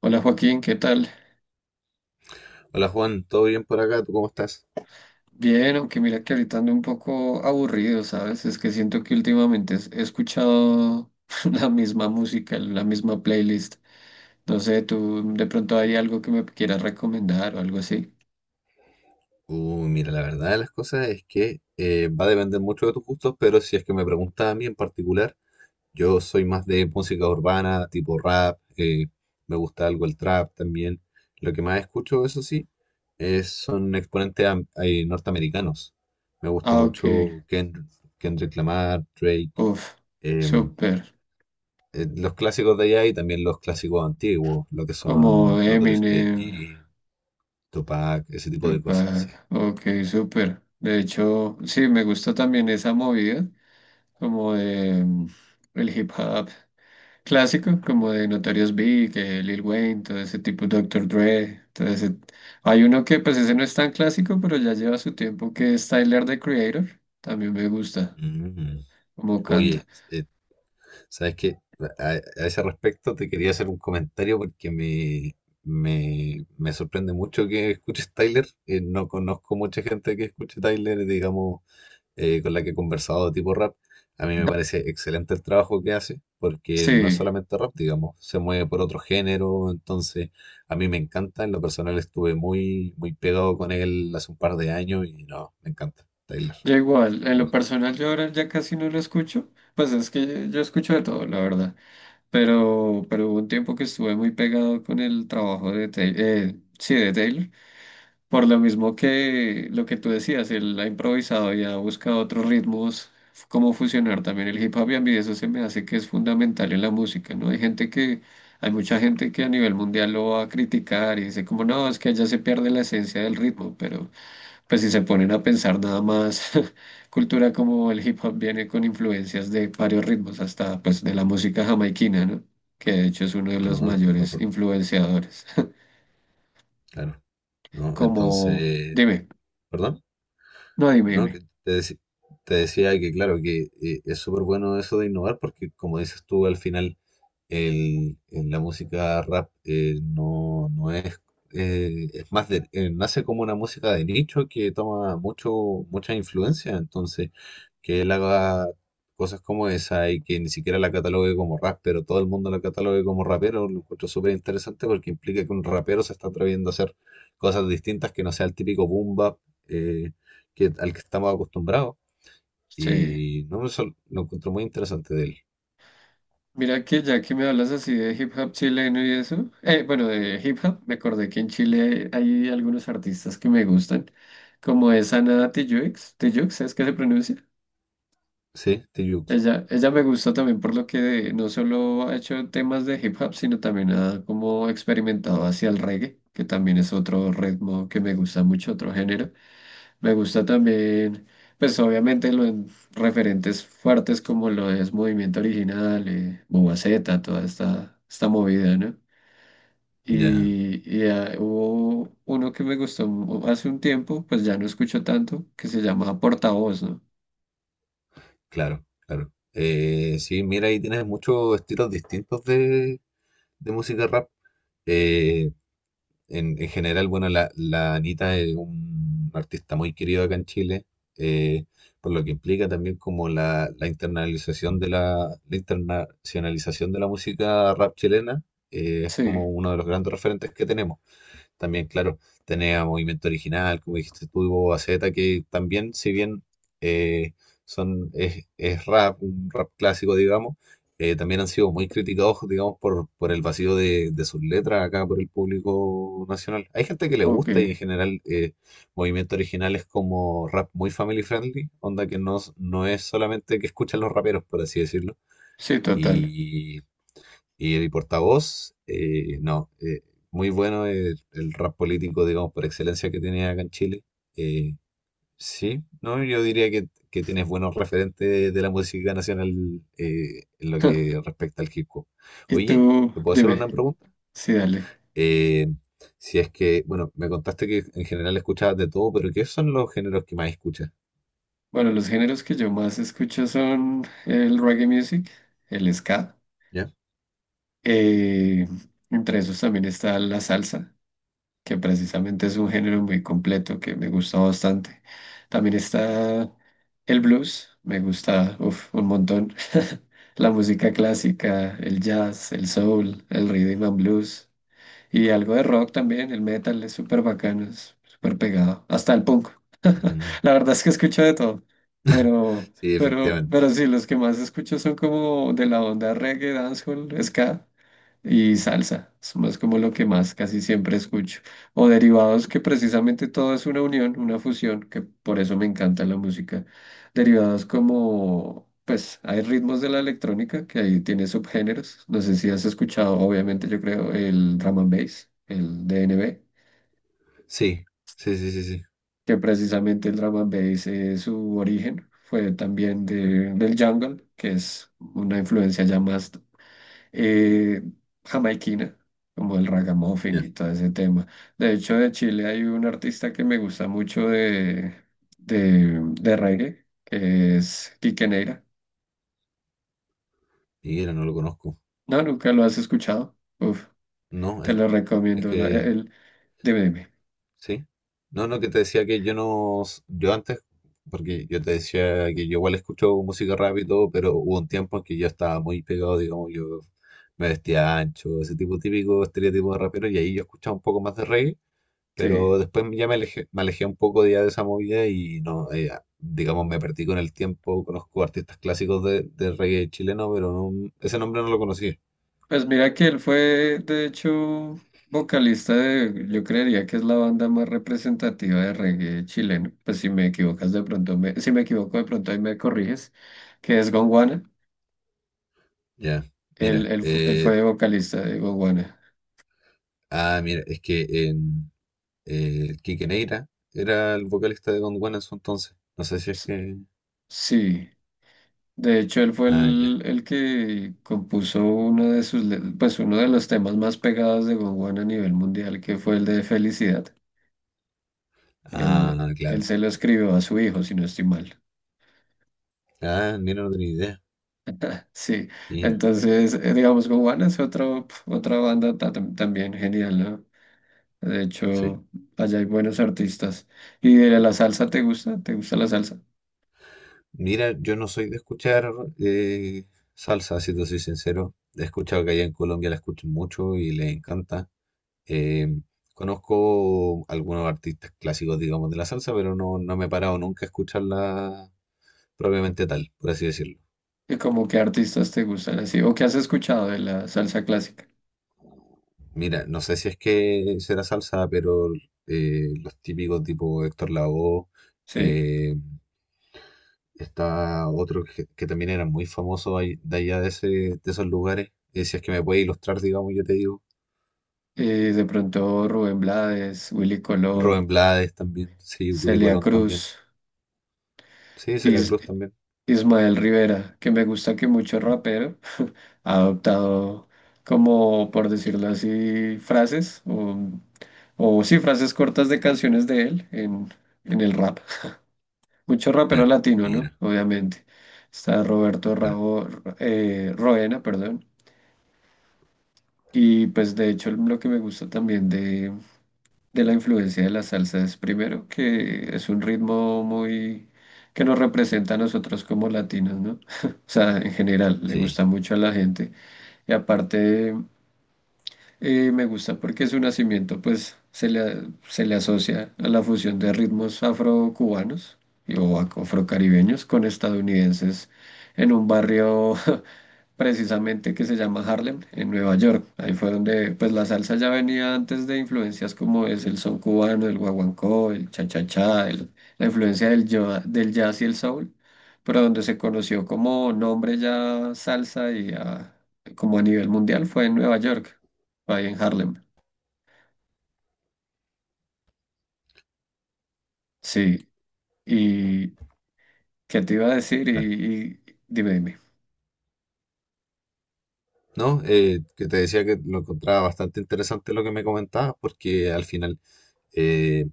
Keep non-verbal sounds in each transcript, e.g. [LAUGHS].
Hola Joaquín, ¿qué tal? Hola Juan, ¿todo bien por acá? ¿Tú cómo estás? Bien, aunque mira que ahorita ando un poco aburrido, ¿sabes? Es que siento que últimamente he escuchado [LAUGHS] la misma música, la misma playlist. No sé, tú de pronto hay algo que me quieras recomendar o algo así. Uy, mira, la verdad de las cosas es que va a depender mucho de tus gustos, pero si es que me preguntas a mí en particular, yo soy más de música urbana, tipo rap. Me gusta algo el trap también. Lo que más escucho, eso sí, son exponentes norteamericanos. Me gusta Ah, ok. mucho Kendrick, Kendrick Lamar, Drake, Uf, em, súper. Los clásicos de allá y también los clásicos antiguos, lo que Como son Notorious Eminem, B.I.G., Tupac, ese tipo de cosas, sí. Tupac. Ok, súper. De hecho, sí, me gusta también esa movida, como de el hip hop. Clásico, como de Notorious Big, Lil Wayne, todo ese tipo, Doctor Dre, Hay uno que pues ese no es tan clásico, pero ya lleva su tiempo, que es Tyler, The Creator, también me gusta Mm. como canta. Oye, ¿sabes qué? A, a ese respecto te quería hacer un comentario porque me sorprende mucho que escuches Tyler. No conozco mucha gente que escuche Tyler, digamos, con la que he conversado de tipo rap. A mí me parece excelente el trabajo que hace porque no es Sí, solamente rap, digamos, se mueve por otro género. Entonces, a mí me encanta. En lo personal estuve muy, muy pegado con él hace un par de años y no, me encanta Tyler. yo igual, en Lo lo mejor. personal yo ahora ya casi no lo escucho, pues es que yo escucho de todo, la verdad, pero hubo un tiempo que estuve muy pegado con el trabajo de Taylor, sí, de Taylor. Por lo mismo que lo que tú decías, él ha improvisado y ha buscado otros ritmos, cómo fusionar también el hip hop, y a mí eso se me hace que es fundamental en la música, ¿no? Hay mucha gente que a nivel mundial lo va a criticar y dice como, no, es que allá se pierde la esencia del ritmo, pero pues si se ponen a pensar nada más, [LAUGHS] cultura como el hip hop viene con influencias de varios ritmos, hasta pues de la música jamaiquina, ¿no? Que de hecho es uno de los No, de todas mayores formas, influenciadores. [LAUGHS] claro. No, Como, entonces, dime, ¿perdón? no, dime, ¿No? dime. Te decía que, claro, que es súper bueno eso de innovar porque, como dices tú, al final en la música rap, no, no es, es más de, nace como una música de nicho que toma mucha influencia. Entonces, que él haga cosas como esa y que ni siquiera la catalogue como rap, pero todo el mundo la catalogue como rapero, lo encuentro súper interesante porque implica que un rapero se está atreviendo a hacer cosas distintas que no sea el típico boom bap, eh, al que estamos acostumbrados. Sí, Y no me sol- lo encuentro muy interesante de él. mira que ya que me hablas así de hip hop chileno y eso, bueno, de hip hop, me acordé que en Chile hay algunos artistas que me gustan, como es Ana Tijoux, Tijoux, ¿es que se pronuncia? Sí, Steve Jobs. Ella me gusta también por lo que no solo ha hecho temas de hip hop, sino también ha como experimentado hacia el reggae, que también es otro ritmo que me gusta mucho, otro género. Me gusta también, pues obviamente los referentes fuertes como lo es Movimiento Original, Bobaceta, esta movida, ¿no? Ya, Hubo uno que me gustó hace un tiempo, pues ya no escucho tanto, que se llama Portavoz, ¿no? claro, claro. Sí, mira, ahí tienes muchos estilos distintos de música rap. Eh, en general, bueno, la Anita es un artista muy querido acá en Chile, eh, por lo que implica también como la internacionalización de la música rap chilena. Es Sí, como uno de los grandes referentes que tenemos. También, claro, tenía Movimiento Original, como dijiste tú, y Boba Fett, que también, si bien eh, es rap, un rap clásico, digamos. También han sido muy criticados, digamos, por el vacío de sus letras acá por el público nacional. Hay gente que le ok, gusta y en general, Movimiento Original es como rap muy family friendly, onda que no, no es solamente que escuchan los raperos, por así decirlo. sí, total. Y y el portavoz, no, muy bueno el rap político, digamos, por excelencia que tiene acá en Chile. Eh, sí, no, yo diría que tienes buenos referentes de la música nacional en lo que [LAUGHS] respecta al hip hop. Y Oye, tú, ¿te puedo hacer dime, una pregunta? sí, dale. Eh, si es que, bueno, me contaste que en general escuchabas de todo, pero ¿qué son los géneros que más escuchas? Bueno, los géneros que yo más escucho son el reggae music, el ska, ¿Ya? eh, entre esos también está la salsa, que precisamente es un género muy completo que me gusta bastante. También está el blues, me gusta uf, un montón. [LAUGHS] La música clásica, el jazz, el soul, el rhythm and blues y algo de rock también, el metal es súper bacano, es súper pegado, hasta el punk. Mm, La verdad es que escucho de todo, pero, sí, pero, efectivamente. pero sí, los que más escucho son como de la onda reggae, dancehall, ska y salsa. Es más como lo que más casi siempre escucho. O derivados, que precisamente todo es una unión, una fusión, que por eso me encanta la música. Derivados como, pues, hay ritmos de la electrónica, que ahí tiene subgéneros. No sé si has escuchado, obviamente, yo creo, el drum and bass, el DNB, Sí, sí, sí, sí, sí. que precisamente el drum and bass, su origen fue también del jungle, que es una influencia ya más eh, jamaiquina, como el ragamuffin Ya. y todo ese tema. De hecho, de Chile hay un artista que me gusta mucho de reggae, que es Quique Neira. Mira, no lo conozco. No, nunca lo has escuchado. Uf, No, te lo es recomiendo. Que dime. Sí. No, no, que te decía que yo no, yo antes, porque yo te decía que yo igual escucho música rap y todo, pero hubo un tiempo en que yo estaba muy pegado, digamos, yo me vestía ancho, ese tipo típico estereotipo de rapero, y ahí yo escuchaba un poco más de reggae, Sí. pero después ya me alejé un poco ya de esa movida y no. Digamos, me perdí con el tiempo, conozco artistas clásicos de reggae chileno, pero ese nombre no lo conocí. Pues mira que él fue, de hecho, vocalista de, yo creería que es la banda más representativa de reggae chileno. Pues si me equivocas de pronto, si me equivoco de pronto ahí me corriges, que es Gonguana. Ya, Él, mira, él, fu- él fue vocalista de Gonguana. Mira, es que en... El Quique Neira era el vocalista de Don Juan en su entonces. No sé si es S- que. Sí, de hecho él fue Ah, ya. el que compuso uno de sus, pues uno de los temas más pegados de Gonguana a nivel mundial, que fue el de Felicidad. Ah, Él claro. se lo escribió a su hijo, si no estoy mal. Ah, mira, no tenía idea. [LAUGHS] Sí, Mira, entonces, digamos, Gowan es otro, pf, otra banda también genial, ¿no? De sí. hecho, allá hay buenos artistas. ¿Y de la salsa te gusta? ¿Te gusta la salsa? Mira, yo no soy de escuchar eh, salsa, si te soy sincero. He escuchado que allá en Colombia la escuchan mucho y les encanta. Eh, Conozco algunos artistas clásicos, digamos, de la salsa, pero no, no me he parado nunca a escucharla propiamente tal, por así decirlo. ¿Y como qué artistas te gustan así? ¿O qué has escuchado de la salsa clásica? Mira, no sé si es que será salsa, pero los típicos tipo Héctor Lavoe, Sí. eh, está otro que también era muy famoso de allá de, ese, de esos lugares. Si es que me puede ilustrar, digamos, yo te digo. Y de pronto Rubén Blades, Willy Colón, Rubén Blades también, sí, Willy Celia Colón también. Cruz, Sí, Celia Is- Cruz también. Ismael Rivera, que me gusta que mucho rapero ha adoptado como, por decirlo así, frases o sí, frases cortas de canciones de él en el rap. Mucho rapero Ya, latino, ¿no? mira, Obviamente. Está Roberto claro, Rabo, Roena, perdón. Y pues de hecho lo que me gusta también de la influencia de la salsa es primero que es un ritmo muy que nos representa a nosotros como latinos, ¿no? [LAUGHS] O sea, en general, le sí, gusta mucho a la gente. Y aparte, eh, me gusta porque su nacimiento pues se le asocia a la fusión de ritmos afrocubanos o afrocaribeños con estadounidenses en un barrio [LAUGHS] precisamente que se llama Harlem, en Nueva York. Ahí fue donde pues la salsa ya venía antes de influencias como es el son cubano, el guaguancó, el cha-cha-cha, la influencia del, del jazz y el soul, pero donde se conoció como nombre ya salsa y como a nivel mundial fue en Nueva York, ahí en Harlem. Sí, y ¿qué te iba a decir? Claro. Dime, dime. No, que te decía que lo encontraba bastante interesante lo que me comentabas, porque al final eh,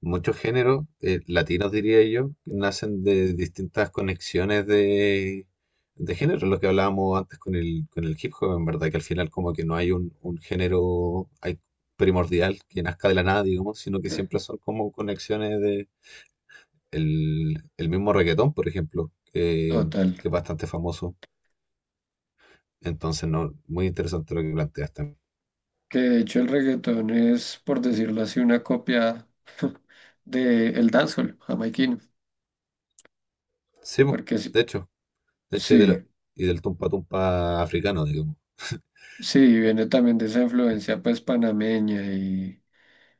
muchos géneros, latinos diría yo, nacen de distintas conexiones de género, lo que hablábamos antes con el hip hop, en verdad, que al final como que no hay un género hay primordial que nazca de la nada, digamos, sino que siempre [LAUGHS] son como conexiones de el mismo reggaetón, por ejemplo, Total, que es bastante famoso. Entonces, no, muy interesante lo que planteas también. que de hecho el reggaetón es, por decirlo así, una copia [LAUGHS] del dancehall jamaiquino, Sí, po, porque de hecho, de hecho, sí, y del tumpa tumpa africano, digamos. sí, viene también de esa influencia pues panameña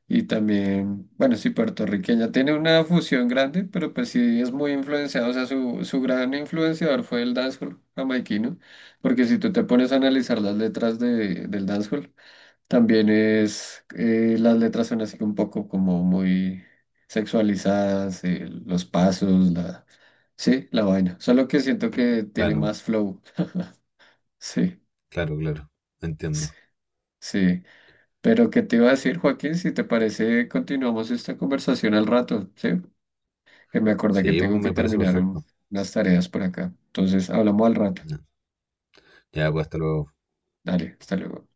y también, bueno, sí, puertorriqueña. Tiene una fusión grande, pero pues sí es muy influenciado, o sea, su gran influenciador fue el dancehall jamaiquino, porque si tú te pones a analizar las letras del dancehall. También es, las letras son así un poco como muy sexualizadas, los pasos, la, sí, la vaina. Solo que siento que tiene Claro. más flow. Sí, Claro, claro. sí, Entiendo. sí. Pero ¿qué te iba a decir, Joaquín? Si te parece, continuamos esta conversación al rato, ¿sí? Que me acordé que Sí, pues, tengo que me parece terminar perfecto. unas tareas por acá. Entonces, hablamos al rato. Ya, pues hasta luego. Dale, hasta luego.